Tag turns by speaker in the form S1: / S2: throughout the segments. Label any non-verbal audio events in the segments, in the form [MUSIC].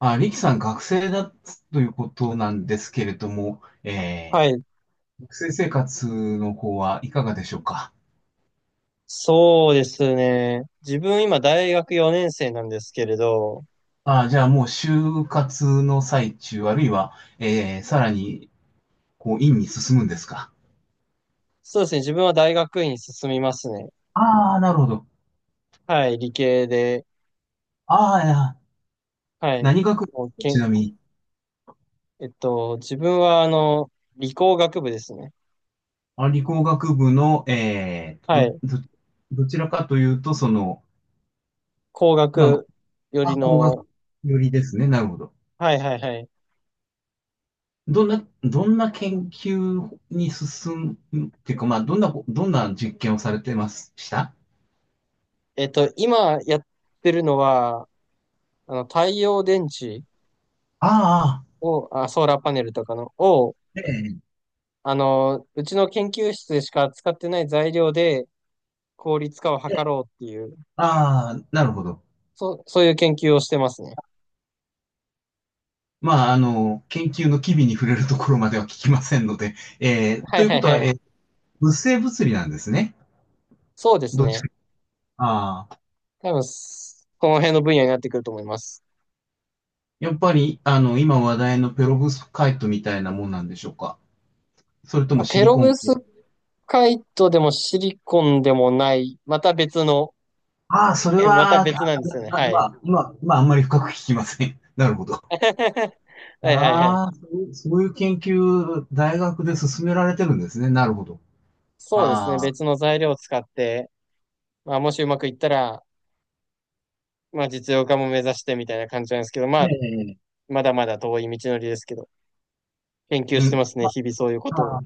S1: あ、リキさん学生だということなんですけれども、
S2: はい。
S1: 学生生活の方はいかがでしょうか？
S2: そうですね。自分今大学4年生なんですけれど、
S1: あ、じゃあもう就活の最中、あるいは、さらに、こう、院に進むんですか？
S2: そうですね。自分は大学院に進みますね。
S1: ああー、なるほど。
S2: はい。理系で。
S1: ああ、いや、
S2: はい。
S1: 何学部で
S2: もう
S1: すか、
S2: け
S1: ち
S2: ん、
S1: なみに？
S2: えっと、自分は理工学部ですね。
S1: あ、理工学部の、
S2: はい。
S1: どちらかというと、その、
S2: 工
S1: ま
S2: 学よ
S1: あ、
S2: り
S1: 工
S2: の、
S1: 学よりですね。なるほど。
S2: はいはいはい。
S1: どんな研究に進むっていうか、まあ、どんな実験をされてました？
S2: 今やってるのは、太陽電池
S1: ああ、
S2: を、あ、ソーラーパネルとかの、を、
S1: ええ、
S2: うちの研究室でしか使ってない材料で効率化を図
S1: ええ。
S2: ろうっていう
S1: ああ、なるほど。
S2: そういう研究をしてますね。
S1: まあ、研究の機微に触れるところまでは聞きませんので、
S2: は
S1: と
S2: い
S1: いう
S2: は
S1: こ
S2: い
S1: と
S2: は
S1: は、
S2: い。
S1: 物性物理なんですね。
S2: そうです
S1: どっち
S2: ね。
S1: か。ああ、
S2: 多分、この辺の分野になってくると思います。
S1: やっぱり、今話題のペロブスカイトみたいなもんなんでしょうか。それと
S2: ま
S1: も
S2: あ
S1: シ
S2: ペ
S1: リ
S2: ロ
S1: コ
S2: ブ
S1: ン
S2: ス
S1: 系。
S2: カイトでもシリコンでもない、また別の、
S1: ああ、それ
S2: [LAUGHS] また
S1: は、ああ、
S2: 別なんですよね。
S1: まあ、
S2: は
S1: ま
S2: い。
S1: あ、まあ、あんまり深く聞きません。[LAUGHS] なるほど。
S2: [LAUGHS] はいはいはい。
S1: ああ、そういう研究、大学で進められてるんですね。なるほど。
S2: そうです
S1: あ
S2: ね。
S1: あ、
S2: 別の材料を使って、まあ、もしうまくいったら、まあ、実用化も目指してみたいな感じなんですけど、ま
S1: え
S2: あ、
S1: え、
S2: まだまだ遠い道のりですけど、研究
S1: う
S2: して
S1: ん、
S2: ますね。日々そういうこと
S1: あ
S2: を。
S1: あ、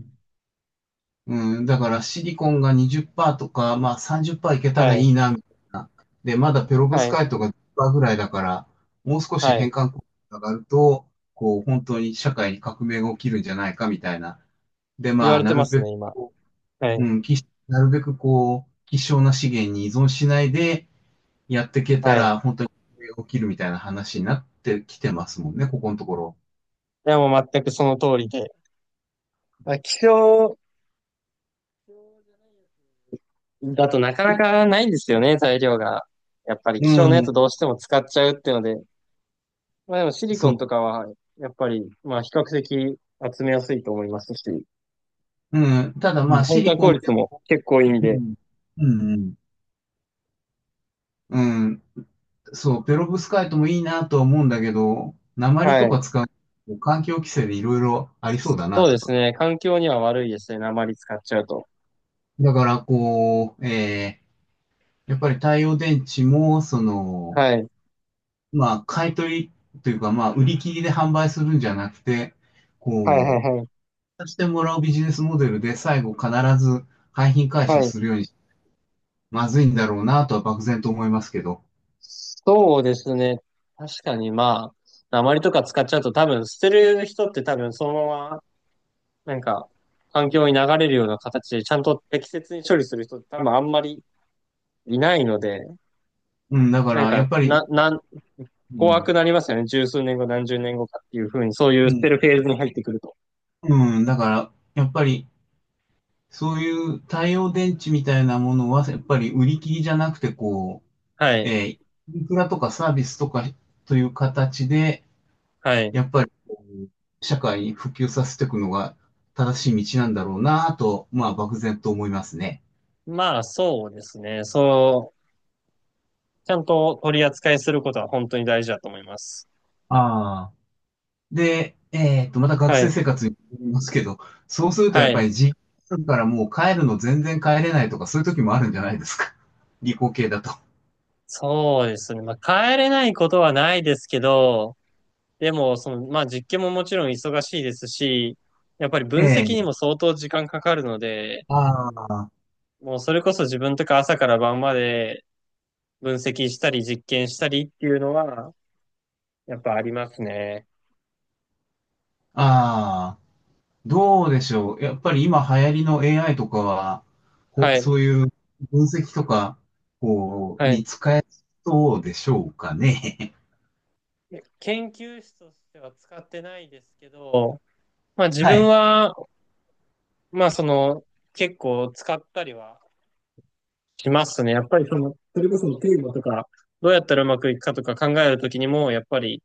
S1: うん、だからシリコンが20%とか、まあ30%いけた
S2: は
S1: らい
S2: い。
S1: いな、みたいな。で、まだペロブス
S2: はい。
S1: カイトが10%ぐらいだから、もう少し
S2: は
S1: 変
S2: い。
S1: 換効果が上がると、こう、本当に社会に革命が起きるんじゃないか、みたいな。で、
S2: 言
S1: ま
S2: わ
S1: あ、
S2: れてますね、今。は
S1: う、
S2: い。
S1: うん、き、なるべくこう、希少な資源に依存しないで、やっていけた
S2: はい。
S1: ら、本当に起きるみたいな話になってきてますもんね、ここのところ。
S2: でもう全くその通りで。まあ、気象だとなかなかないんですよね、材料が。やっぱり
S1: う
S2: 気象のやつ
S1: ん、
S2: どうしても使っちゃうっていうので。まあでもシリコ
S1: そ
S2: ン
S1: う。
S2: とかは、やっぱり、まあ比較的集めやすいと思いますし、う
S1: うん。ただ
S2: ん
S1: まあ、
S2: 変
S1: シリ
S2: 換
S1: コ
S2: 効
S1: ンで、
S2: 率も結構いいん
S1: う
S2: で、
S1: ん、うん、うん、うんそう、ペロブスカイトもいいなとは思うんだけど、鉛
S2: は
S1: と
S2: い。
S1: か使う、環境規制でいろいろありそうだ
S2: そ
S1: な
S2: うで
S1: と
S2: す
S1: か。
S2: ね。環境には悪いですね。鉛使っちゃうと。
S1: だから、こう、やっぱり太陽電池も、その、
S2: はい。
S1: まあ、買い取りというか、まあ、売り切りで販売するんじゃなくて、
S2: はいはい
S1: こ
S2: はい。
S1: してもらうビジネスモデルで最後必ず廃品回
S2: は
S1: 収
S2: い。
S1: するようにまずいんだろうなとは漠然と思いますけど。
S2: そうですね。確かにまあ、鉛とか使っちゃうと多分捨てる人って多分そのままなんか、環境に流れるような形で、ちゃんと適切に処理する人って多分あんまりいないので、
S1: うん、だか
S2: なん
S1: らや
S2: か、
S1: っぱり、
S2: な、なん、
S1: う
S2: 怖く
S1: ん、
S2: なりますよね。十数年後、何十年後かっていうふうに、そういう
S1: う
S2: 捨て
S1: ん、
S2: るフェーズに入ってくると。
S1: うん、だからやっぱりそういう太陽電池みたいなものはやっぱり売り切りじゃなくてこ
S2: は
S1: う、
S2: い。
S1: インフラとかサービスとかという形で
S2: はい。
S1: やっぱりこう社会に普及させていくのが正しい道なんだろうなと、まあ漠然と思いますね。
S2: まあ、そうですね。そう、ちゃんと取り扱いすることは本当に大事だと思います。
S1: ああ。で、また学
S2: は
S1: 生
S2: い。
S1: 生活に戻りますけど、そうするとや
S2: は
S1: っぱ
S2: い。
S1: り実家からもう帰るの全然帰れないとか、そういう時もあるんじゃないですか。[LAUGHS] 理工系だと。
S2: そうですね。まあ、帰れないことはないですけど、でも、まあ、実験ももちろん忙しいですし、やっぱり
S1: え
S2: 分析にも
S1: え。
S2: 相当時間かかるので、
S1: ああ、
S2: もうそれこそ自分とか朝から晩まで分析したり実験したりっていうのは、やっぱありますね。
S1: ああ、どうでしょう。やっぱり今流行りの AI とかは、
S2: はい。
S1: そういう分析とか、こう、
S2: は
S1: に
S2: い。
S1: 使えそうでしょうかね。
S2: 研究室としては使ってないですけど、まあ
S1: [LAUGHS]
S2: 自
S1: は
S2: 分
S1: い。
S2: は、まあ結構使ったりはしますね。やっぱりそれこそテーマとか、どうやったらうまくいくかとか考えるときにも、やっぱり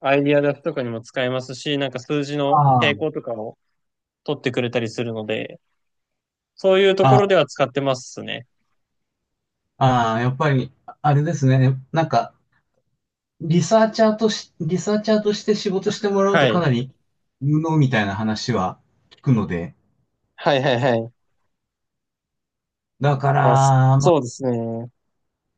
S2: アイディア出すとかにも使えますし、なんか数字の
S1: あ
S2: 傾
S1: あ、
S2: 向とかを取ってくれたりするので、そういうとこ
S1: ああ、
S2: ろでは使ってますね。
S1: ああやっぱり、あれですね。なんか、リサーチャーとして仕事してもらう
S2: は
S1: とか
S2: い。
S1: なり無能みたいな話は聞くので、
S2: はいはいはい。
S1: だか
S2: まあ、そ
S1: ら、まあ、
S2: そうですね。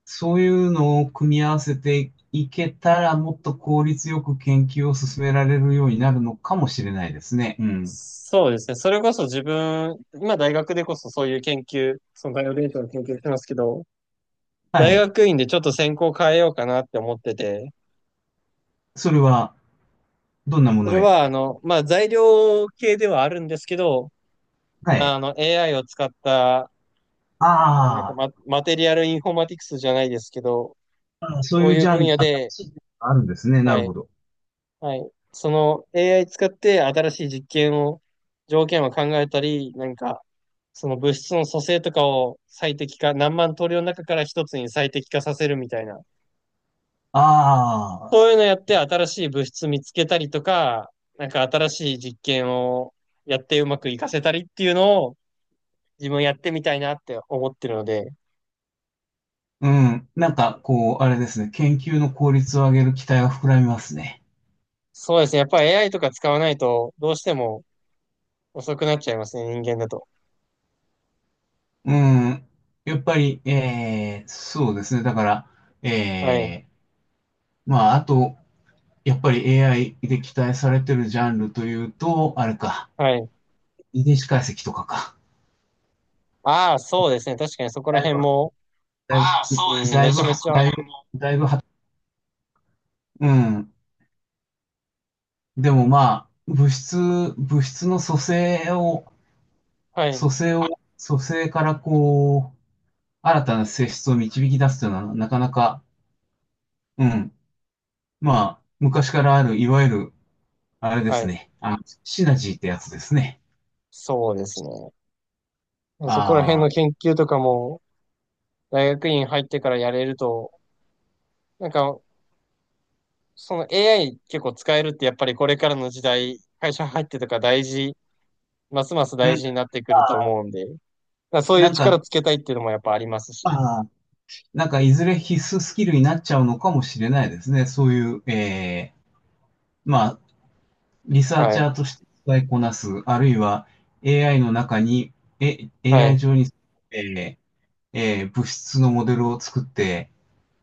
S1: そういうのを組み合わせていけたら、もっと効率よく研究を進められるようになるのかもしれないですね。うん。
S2: そうですね。それこそ自分、今大学でこそそういう研究、そのバイオデータの研究してますけど、
S1: は
S2: 大
S1: い。
S2: 学院でちょっと専攻変えようかなって思ってて、
S1: それは、どんなも
S2: それ
S1: のへ？
S2: はまあ材料系ではあるんですけど、
S1: はい。
S2: AI を使った、まあなんか
S1: あ
S2: マテリアルインフォーマティクスじゃないですけど、
S1: ーあー、そう
S2: そう
S1: いう
S2: いう
S1: ジャ
S2: 分
S1: ンル、
S2: 野
S1: 新
S2: で、
S1: しいジャンルがあるんですね。な
S2: は
S1: る
S2: い。
S1: ほど。
S2: はい。その AI 使って新しい実験を、条件を考えたり、なんか、その物質の組成とかを最適化、何万通りの中から一つに最適化させるみたいな。
S1: あ
S2: そう
S1: あ、
S2: いうのやって新しい物質見つけたりとか、なんか新しい実験をやってうまく活かせたりっていうのを自分やってみたいなって思ってるので、
S1: うん。なんか、こう、あれですね。研究の効率を上げる期待が膨らみますね。
S2: そうですね。やっぱり AI とか使わないとどうしても遅くなっちゃいますね、人間だと。
S1: うん、やっぱり、そうですね。だから、
S2: はい。
S1: えー、まあ、あと、やっぱり AI で期待されてるジャンルというと、あれか、
S2: はい。
S1: 遺伝子解析とかか。
S2: ああ、そうですね。確かにそこら
S1: だい
S2: 辺
S1: ぶ、
S2: も
S1: だいぶ、ああ、
S2: う
S1: そうですね。
S2: ん、
S1: だ
S2: め
S1: いぶ、
S2: ちゃめち
S1: 確
S2: ゃ、
S1: かにだいぶ、だいぶは、うん。でもまあ、物質の
S2: はい、
S1: 組成を、組成からこう、新たな性質を導き出すというのは、なかなか、うん。まあ、昔からある、いわゆるあれで
S2: は
S1: す
S2: い、
S1: ね。シナジーってやつですね。
S2: そうですね。そこら辺
S1: あ
S2: の
S1: あ、
S2: 研究とかも、大学院入ってからやれると、なんか、その AI 結構使えるって、やっぱりこれからの時代、会社入ってとか大事、ますます
S1: うん。
S2: 大事になってくると
S1: ああ、
S2: 思うんで、だからそういう
S1: なんか、
S2: 力つけたいっていうのもやっぱありますし、
S1: ああ、なんかいずれ必須スキルになっちゃうのかもしれないですね。そういう、ーまあ、リサー
S2: は
S1: チ
S2: い、
S1: ャーとして使いこなす、あるいは AI の中に、
S2: は
S1: AI
S2: い、
S1: 上に、えー物質のモデルを作って、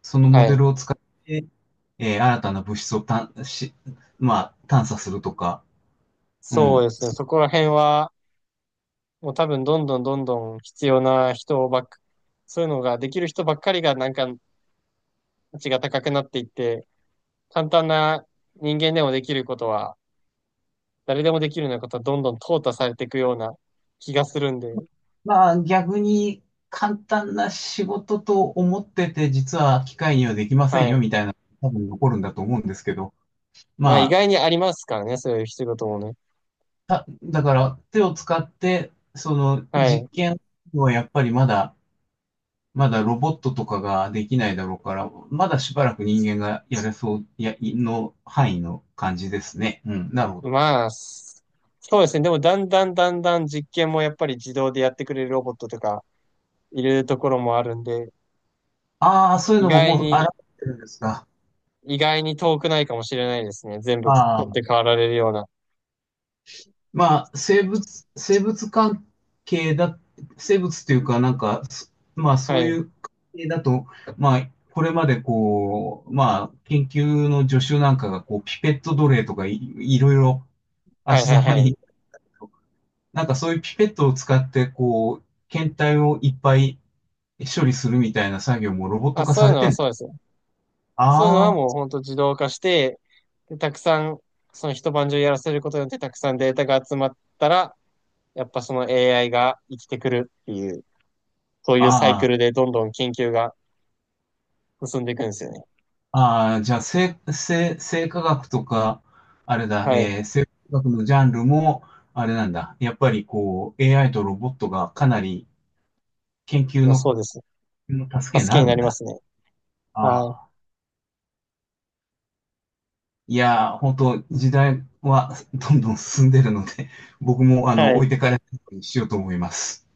S1: そのモ
S2: は
S1: デ
S2: い。
S1: ルを使って、新たな物質を探し、まあ、探査するとか、う
S2: そう
S1: ん。
S2: ですね。そこら辺は、もう多分どんどんどんどん必要な人ばっか、そういうのができる人ばっかりがなんか価値が高くなっていって、簡単な人間でもできることは、誰でもできるようなことはどんどん淘汰されていくような気がするんで、
S1: まあ逆に簡単な仕事と思ってて、実は機械にはできませ
S2: は
S1: んよ
S2: い。
S1: みたいな、多分残るんだと思うんですけど、
S2: まあ
S1: ま
S2: 意
S1: あ、
S2: 外にありますからね、そういう仕事もね。
S1: ただから手を使って、その
S2: はい。
S1: 実験はやっぱりまだ、まだロボットとかができないだろうから、まだしばらく人間がやれそう、の範囲の感じですね。うん、なるほど。
S2: まあ、そうですね。でもだんだんだんだん実験もやっぱり自動でやってくれるロボットとかいるところもあるんで、
S1: ああ、そういう
S2: 意
S1: のも
S2: 外
S1: もう現
S2: に、
S1: れてるんですか。
S2: 意外に遠くないかもしれないですね。全部
S1: あ
S2: 取って
S1: あ。
S2: 代わられるような。
S1: まあ、生物、生物関係だ、生物っていうか、なんか、まあ、そ
S2: は
S1: う
S2: い。
S1: いう関係だと、まあ、これまでこう、まあ、研究の助手なんかが、こう、ピペット奴隷とか、い、いろいろ
S2: はい
S1: 足
S2: はい
S1: ざま
S2: はい。
S1: に、なんかそういうピペットを使って、こう、検体をいっぱい処理するみたいな作業もロボット
S2: あ、
S1: 化
S2: そうい
S1: さ
S2: う
S1: れ
S2: の
S1: て
S2: は
S1: ん
S2: そ
S1: だ。
S2: うですよ。そういうのは
S1: あ
S2: もう本当自動化して、で、たくさん、その一晩中やらせることによってたくさんデータが集まったら、やっぱその AI が生きてくるっていう、そうい
S1: あ、
S2: うサイ
S1: あ
S2: クル
S1: あ。
S2: でどんどん研究が進んでいくんですよね。
S1: ああ、じゃあ、生化学とか、あれだ、
S2: はい。
S1: 生化学のジャンルも、あれなんだ。やっぱりこう、AI とロボットがかなり研
S2: い
S1: 究
S2: や、
S1: の、
S2: そうです。
S1: の助けに
S2: 助け
S1: な
S2: に
S1: る
S2: な
S1: ん
S2: りま
S1: だ。
S2: すね。
S1: あ
S2: は
S1: あ。いやー、本当時代はどんどん進んでるので、僕も、
S2: い。は
S1: 置
S2: い。
S1: いてかれないようにしようと思います。